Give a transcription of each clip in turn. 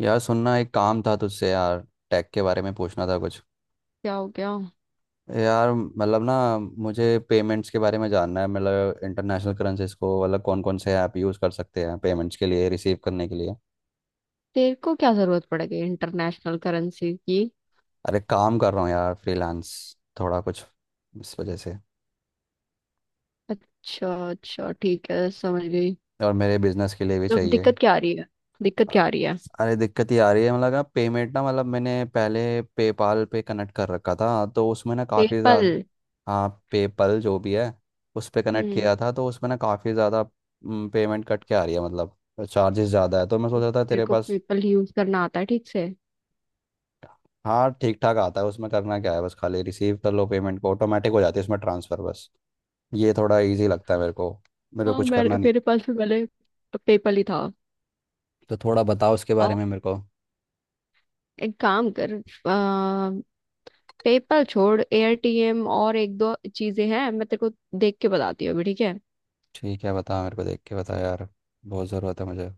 यार सुनना एक काम था तुझसे यार। टैक के बारे में पूछना था कुछ। क्या हो गया। यार मतलब ना, मुझे पेमेंट्स के बारे में जानना है। मतलब इंटरनेशनल करेंसीज को, मतलब कौन कौन से ऐप यूज़ कर सकते हैं पेमेंट्स के लिए, रिसीव करने के लिए। तेरे को क्या जरूरत पड़ गई इंटरनेशनल करेंसी की? अरे काम कर रहा हूँ यार, फ्रीलांस। थोड़ा कुछ इस वजह से। अच्छा अच्छा, ठीक है, समझ गई। और मेरे बिजनेस के लिए भी तो चाहिए। दिक्कत क्या आ रही है? दिक्कत क्या आ रही है? अरे दिक्कत ये आ रही है मतलब, ना पेमेंट ना, मतलब मैंने पहले पेपाल पे कनेक्ट कर रखा था, तो उसमें ना काफ़ी पेपल। ज़्यादा। हाँ, पेपल जो भी है, उस पे कनेक्ट हम्म। किया था, तो उसमें ना काफ़ी ज़्यादा पेमेंट कट के आ रही है। मतलब चार्जेस ज़्यादा है, तो मैं सोच रहा था तेरे तेरे को पास। पेपल यूज करना आता है ठीक से? हाँ ठीक ठाक आता है, उसमें करना क्या है, बस खाली रिसीव कर लो पेमेंट को, ऑटोमेटिक हो जाती है उसमें ट्रांसफ़र बस। ये थोड़ा इजी लगता है मेरे को। मेरे को हाँ, कुछ करना मेरे नहीं। मेरे पास भी पहले पेपल ही था। तो थोड़ा बताओ उसके बारे और में मेरे को। एक काम कर, पेपल छोड़, एटीएम और एक दो चीजें हैं, मैं तेरे को देख के बताती हूँ अभी, ठीक है। ठीक है, बता मेरे को, देख के बता यार, बहुत ज़रूरत है मुझे।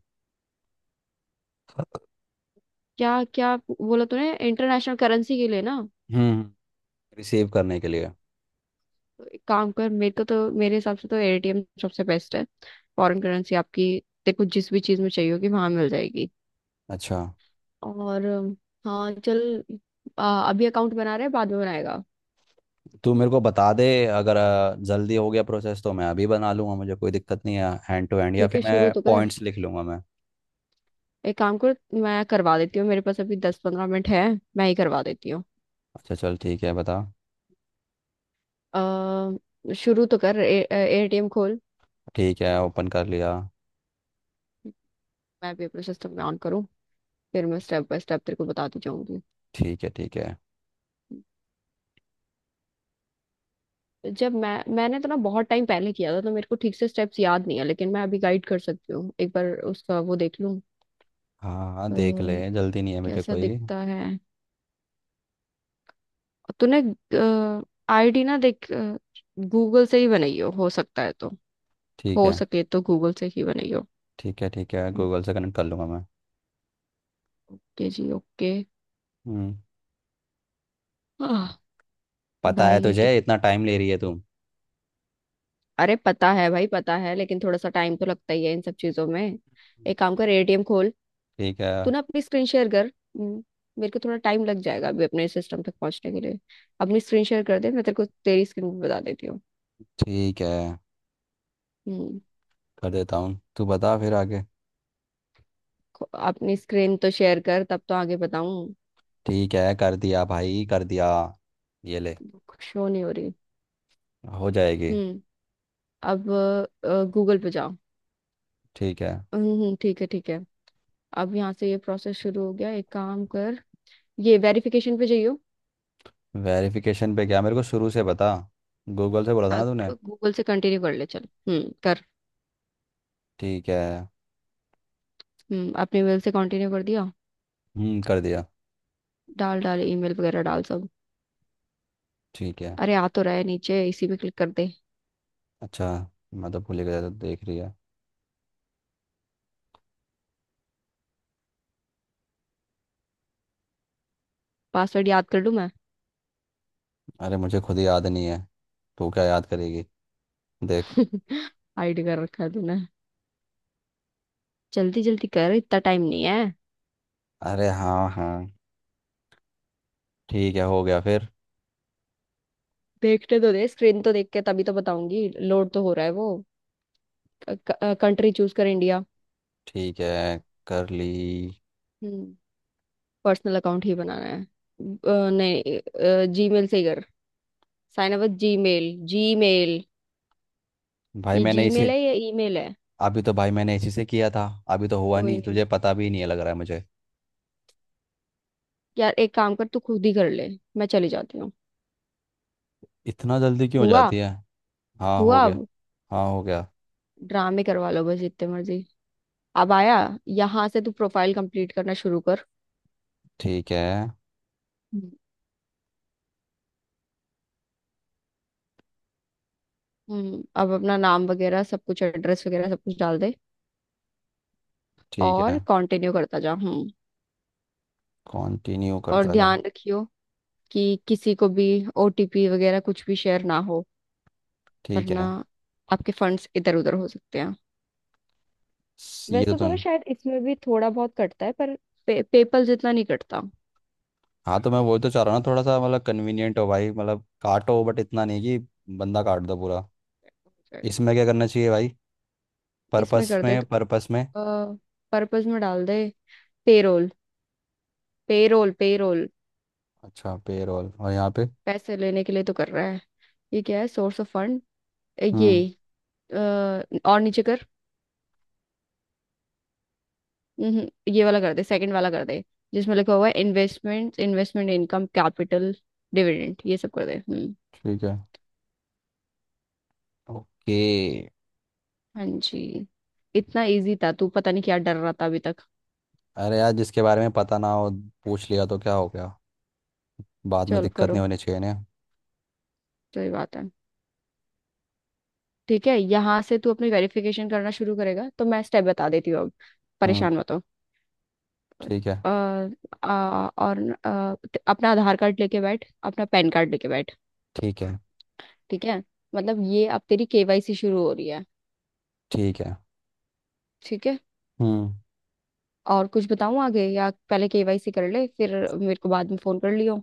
क्या क्या बोला तूने, इंटरनेशनल करेंसी के लिए ना? हम्म, रिसीव करने के लिए। एक काम कर, मेरे को तो मेरे हिसाब से तो एटीएम सबसे बेस्ट है, फॉरेन करेंसी आपकी तेरे को जिस भी चीज में चाहिए होगी वहां मिल जाएगी। अच्छा। और हाँ चल, अभी अकाउंट बना रहे हैं बाद में बनाएगा। तू मेरे को बता दे, अगर जल्दी हो गया प्रोसेस तो मैं अभी बना लूँगा, मुझे कोई दिक्कत नहीं है, हैंड टू हैंड, या ठीक फिर है, शुरू मैं तो कर। पॉइंट्स लिख लूँगा मैं। एक काम कर, मैं करवा देती हूँ, मेरे पास अभी दस पंद्रह मिनट है, मैं ही करवा देती हूँ। अच्छा चल ठीक है, बता। शुरू तो कर, एटीएम खोल। ठीक है, ओपन कर लिया। मैं भी अपने सिस्टम में ऑन करूँ, फिर मैं स्टेप बाय स्टेप तेरे को बताती जाऊंगी। ठीक है ठीक है। जब मैंने तो ना बहुत टाइम पहले किया था तो मेरे को ठीक से स्टेप्स याद नहीं है, लेकिन मैं अभी गाइड कर सकती हूँ, एक बार उसका वो देख लूँ। हाँ हाँ अ, देख ले, जल्दी नहीं है मुझे कैसा कोई। दिखता है तूने? आईडी ना देख, गूगल से ही बनाई हो सकता है तो। ठीक हो है। सके तो गूगल से ही बनाई हो। ठीक है। ठीक है, गूगल से कनेक्ट कर लूँगा मैं। ओके जी ओके। हम्म। आह, पता है भाई ये तुझे, कितनी। इतना टाइम ले रही है तू। अरे पता है भाई, पता है, लेकिन थोड़ा सा टाइम तो लगता ही है इन सब चीजों में। एक काम कर, एटीएम खोल। ठीक है। तू ना अपनी स्क्रीन शेयर कर, हम्म। मेरे को थोड़ा टाइम लग जाएगा अभी अपने सिस्टम तक पहुंचने के लिए। अपनी स्क्रीन शेयर कर दे, मैं तेरे को तेरी स्क्रीन भी बता देती हूँ। ठीक है, हम्म। कर देता हूँ, तू बता फिर आगे। अपनी स्क्रीन तो शेयर कर तब तो आगे बताऊं। ठीक है कर दिया भाई, कर दिया, ये ले। शो नहीं हो रही। हो जाएगी। हम्म। अब गूगल पे जाओ। ठीक है। ठीक है ठीक है। अब यहाँ से ये प्रोसेस शुरू हो गया, एक काम कर, ये वेरिफिकेशन पे जाइयो। वेरिफिकेशन पे क्या? मेरे को शुरू से बता, गूगल से बोला था ना तूने। गूगल से कंटिन्यू कर ले चल, कर। ठीक है। हम्म, अपने मेल से कंटिन्यू कर दिया। हम्म, कर दिया। डाल डाल, ईमेल वगैरह डाल सब। ठीक है। अरे आ तो रहा है नीचे, इसी पे क्लिक कर दे। अच्छा। मैं तो भूल ही गया था, देख रही है। पासवर्ड याद कर लूं मैं। अरे मुझे खुद ही याद नहीं है, तू क्या याद करेगी, देख। हाइड कर रखा है तूने। जल्दी जल्दी कर, इतना टाइम नहीं है। अरे हाँ हाँ। ठीक है, हो गया फिर। देखने तो दे, स्क्रीन तो देख के तभी तो बताऊंगी, लोड तो हो रहा है वो। कंट्री चूज कर इंडिया। ठीक है, कर ली। हम्म। पर्सनल अकाउंट ही बनाना है नहीं, जीमेल से ही कर। Sign up Gmail. जीमेल। भाई ये मैंने इसी जीमेल है या ईमेल है? अभी तो भाई मैंने इसी से किया था। अभी तो हुआ कोई नहीं, नहीं, तुझे पता भी नहीं है लग रहा है मुझे। यार एक काम कर, तू खुद ही कर ले, मैं चली जाती हूँ। इतना जल्दी क्यों हो हुआ? जाती है? हाँ हो हुआ? गया। हाँ हो गया। ड्रामे करवा लो बस जितने मर्जी। अब आया। यहाँ से तू प्रोफाइल कंप्लीट करना शुरू कर। ठीक है। हम्म। हम्म, अब अपना नाम वगैरह सब कुछ, एड्रेस वगैरह सब कुछ डाल दे। ठीक और है। कंटिन्यू करता जा, हम्म। कंटिन्यू और करता जा। ध्यान रखियो कि किसी को भी ओटीपी वगैरह कुछ भी शेयर ना हो, ठीक वरना है। आपके फंड्स इधर उधर हो सकते हैं। ये तो वैसे तो ना तुम। शायद इसमें भी थोड़ा बहुत कटता है, पर पेपल जितना नहीं कटता। हाँ तो मैं वही तो चाह रहा हूँ ना, थोड़ा सा मतलब कन्वीनियंट हो भाई, मतलब काटो बट इतना नहीं कि बंदा काट दो पूरा। इसमें क्या करना चाहिए भाई? इसमें पर्पस कर दे में, तो, पर्पस में। पर्पस में डाल दे, पेरोल। Payroll payroll. अच्छा, पेरोल, और यहाँ पे? पैसे लेने के लिए तो कर रहा है। ये क्या है, सोर्स ऑफ फंड? ये हम्म। अ, और नीचे कर। ये वाला कर दे, सेकंड वाला कर दे, जिसमें लिखा हुआ है investment. Investment income, capital, dividend, ये सब कर दे, हम्म। ठीक है। ओके। हाँ जी, इतना इजी था, तू पता नहीं क्या डर रहा था अभी तक। अरे यार, जिसके बारे में पता ना हो, पूछ लिया तो क्या हो गया? बाद में चल दिक्कत नहीं करो, होनी चाहिए ना। सही बात है। ठीक है, यहाँ से तू अपनी वेरिफिकेशन करना शुरू करेगा तो मैं स्टेप बता देती हूँ अब, हम्म। परेशान मत हो। ठीक है। अ, आ, और न- अ, अपना आधार कार्ड लेके बैठ, अपना पैन कार्ड लेके बैठ। ठीक है। ठीक है, मतलब ये अब तेरी केवाईसी शुरू हो रही है, ठीक है। ठीक है। हम्म। और कुछ बताऊं आगे, या पहले केवाईसी कर ले फिर मेरे को बाद में फोन कर लियो।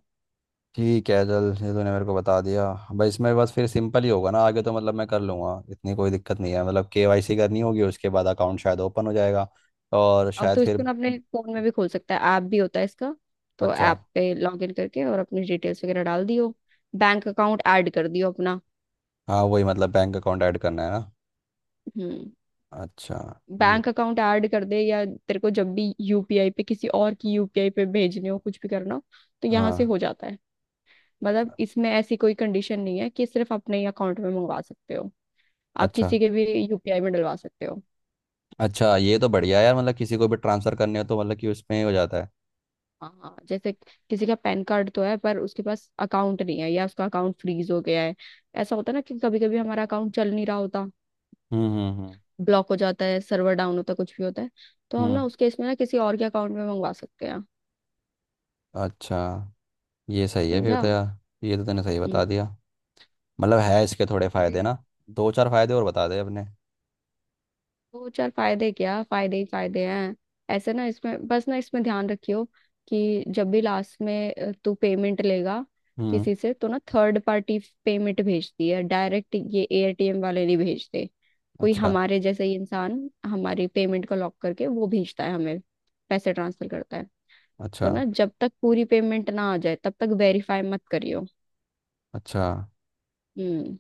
ठीक है चल, ये तूने मेरे को बता दिया। भाई इसमें बस फिर सिंपल ही होगा ना आगे तो, मतलब मैं कर लूँगा, इतनी कोई दिक्कत नहीं है। मतलब केवाईसी करनी होगी, उसके बाद अकाउंट शायद ओपन हो जाएगा। और और शायद तू फिर। इसको ना अपने फोन में भी खोल सकता है, ऐप भी होता है इसका। तो अच्छा। ऐप पे लॉग इन करके और अपनी डिटेल्स वगैरह डाल दियो, बैंक अकाउंट ऐड कर दियो अपना। हाँ, वही मतलब, बैंक अकाउंट ऐड करना है ना। हम्म। अच्छा। ये? बैंक अकाउंट ऐड कर दे, या तेरे को जब भी यूपीआई पे किसी और की यूपीआई पे भेजने हो कुछ भी करना हो तो यहाँ से हाँ। हो जाता है। मतलब इसमें ऐसी कोई कंडीशन नहीं है कि सिर्फ अपने अकाउंट में मंगवा सकते हो, आप अच्छा। किसी के भी यूपीआई में डलवा सकते हो। अच्छा ये तो बढ़िया है यार, मतलब किसी को भी ट्रांसफ़र करने हो तो मतलब कि उसमें ही हो जाता है। हाँ जैसे किसी का पैन कार्ड तो है पर उसके पास अकाउंट नहीं है, या उसका अकाउंट फ्रीज हो गया है। ऐसा होता है ना कि कभी कभी हमारा अकाउंट चल नहीं रहा होता, हम्म। ब्लॉक हो जाता है, सर्वर डाउन होता है, कुछ भी होता है, तो हम हम्म, ना उसके इसमें ना किसी और के अकाउंट में मंगवा सकते हैं। अच्छा। ये सही है फिर समझा। तो यार। ये तो तूने सही बता हम्म। दिया। मतलब है इसके थोड़े फायदे अरे, ना। दो चार फायदे और बता दे अपने। दो चार फायदे क्या, फायदे ही फायदे हैं। ऐसे ना इसमें बस ना, इसमें ध्यान रखियो कि जब भी लास्ट में तू पेमेंट लेगा हम्म। किसी से, तो ना थर्ड पार्टी पेमेंट भेजती है डायरेक्ट, ये एटीएम वाले नहीं भेजते। कोई अच्छा। हमारे जैसे ही इंसान हमारी पेमेंट को लॉक करके वो भेजता है हमें, पैसे ट्रांसफर करता है। अच्छा। तो ना जब तक पूरी पेमेंट ना आ जाए तब तक वेरीफाई मत करियो। अच्छा। हम्म।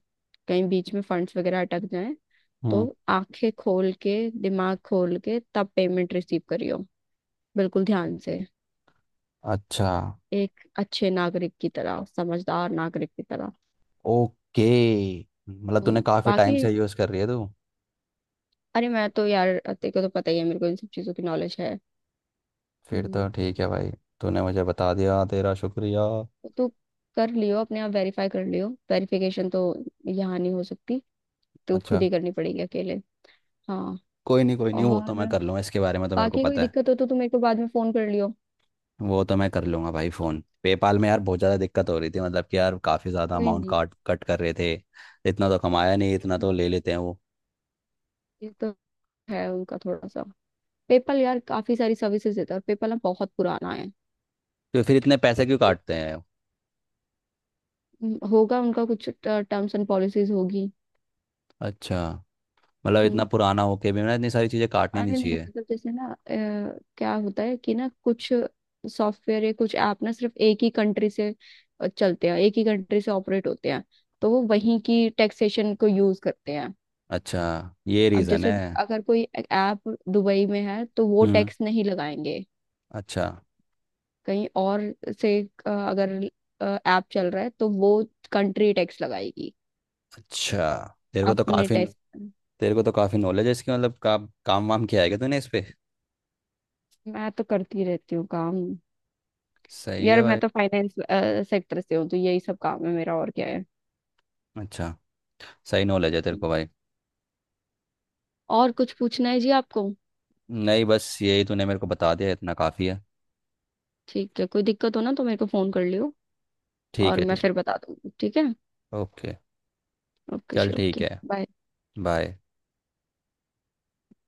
कहीं बीच में फंड्स वगैरह अटक जाए, तो हम्म। आंखें खोल के, दिमाग खोल के तब पेमेंट रिसीव करियो, बिल्कुल ध्यान से। अच्छा। एक अच्छे नागरिक की तरह, समझदार नागरिक की तरह। ओके। मतलब हम्म, तूने काफ़ी टाइम बाकी से यूज़ कर रही है तू? अरे मैं तो यार, तेरे को तो पता ही है मेरे को इन सब चीजों की नॉलेज है। फिर हम्म, तो ठीक है भाई। तूने मुझे बता दिया, तेरा शुक्रिया। तो तू कर लियो अपने आप, वेरीफाई कर लियो, वेरिफिकेशन तो यहाँ नहीं हो सकती, तो खुद अच्छा। ही करनी पड़ेगी अकेले। हाँ। कोई नहीं, कोई नहीं, वो तो और मैं कर लूँगा, इसके बारे में तो मेरे को बाकी कोई पता है। दिक्कत हो तो तू मेरे को बाद में फोन कर लियो। वो तो मैं कर लूँगा भाई फ़ोन। पेपाल में यार बहुत ज़्यादा दिक्कत हो रही थी, मतलब कि यार काफ़ी ज़्यादा कोई अमाउंट नहीं, काट कट कर रहे थे। इतना तो कमाया नहीं, इतना तो ले लेते हैं वो। ये तो है उनका थोड़ा सा। पेपल यार काफी सारी सर्विसेज देता है, और पेपल ना बहुत पुराना है। तो फिर इतने पैसे क्यों काटते हैं? होगा उनका कुछ टर्म्स एंड पॉलिसीज होगी। अच्छा। मतलब इतना हम्म, पुराना होके भी ना, इतनी सारी चीज़ें काटनी नहीं अरे नहीं, चाहिए। मतलब जैसे ना क्या होता है कि ना कुछ सॉफ्टवेयर या कुछ ऐप ना सिर्फ एक ही कंट्री से चलते हैं, एक ही कंट्री से ऑपरेट होते हैं, तो वो वहीं की टैक्सेशन को यूज करते हैं। अच्छा, ये अब रीजन जैसे है। अगर कोई ऐप दुबई में है तो वो हम्म। टैक्स नहीं लगाएंगे। अच्छा। कहीं और से अगर ऐप चल रहा है तो वो कंट्री टैक्स लगाएगी। अच्छा। तेरे को तो अपने काफी। टेस्ट। तेरे को तो काफी नॉलेज है इसकी, मतलब काम वाम किया है क्या तूने इस पे? मैं तो करती रहती हूँ काम। सही है यार मैं भाई। तो फाइनेंस सेक्टर से हूँ तो यही सब काम है मेरा, और क्या है। अच्छा। सही नॉलेज है तेरे को भाई। और कुछ पूछना है जी आपको? नहीं, बस यही तूने मेरे को बता दिया, इतना काफी है। ठीक है, कोई दिक्कत हो ना तो मेरे को फोन कर लियो ठीक और है मैं ठीक। फिर बता दूंगी, ठीक है। ओके। ओके चल जी ठीक ओके। है। बाय। बाय।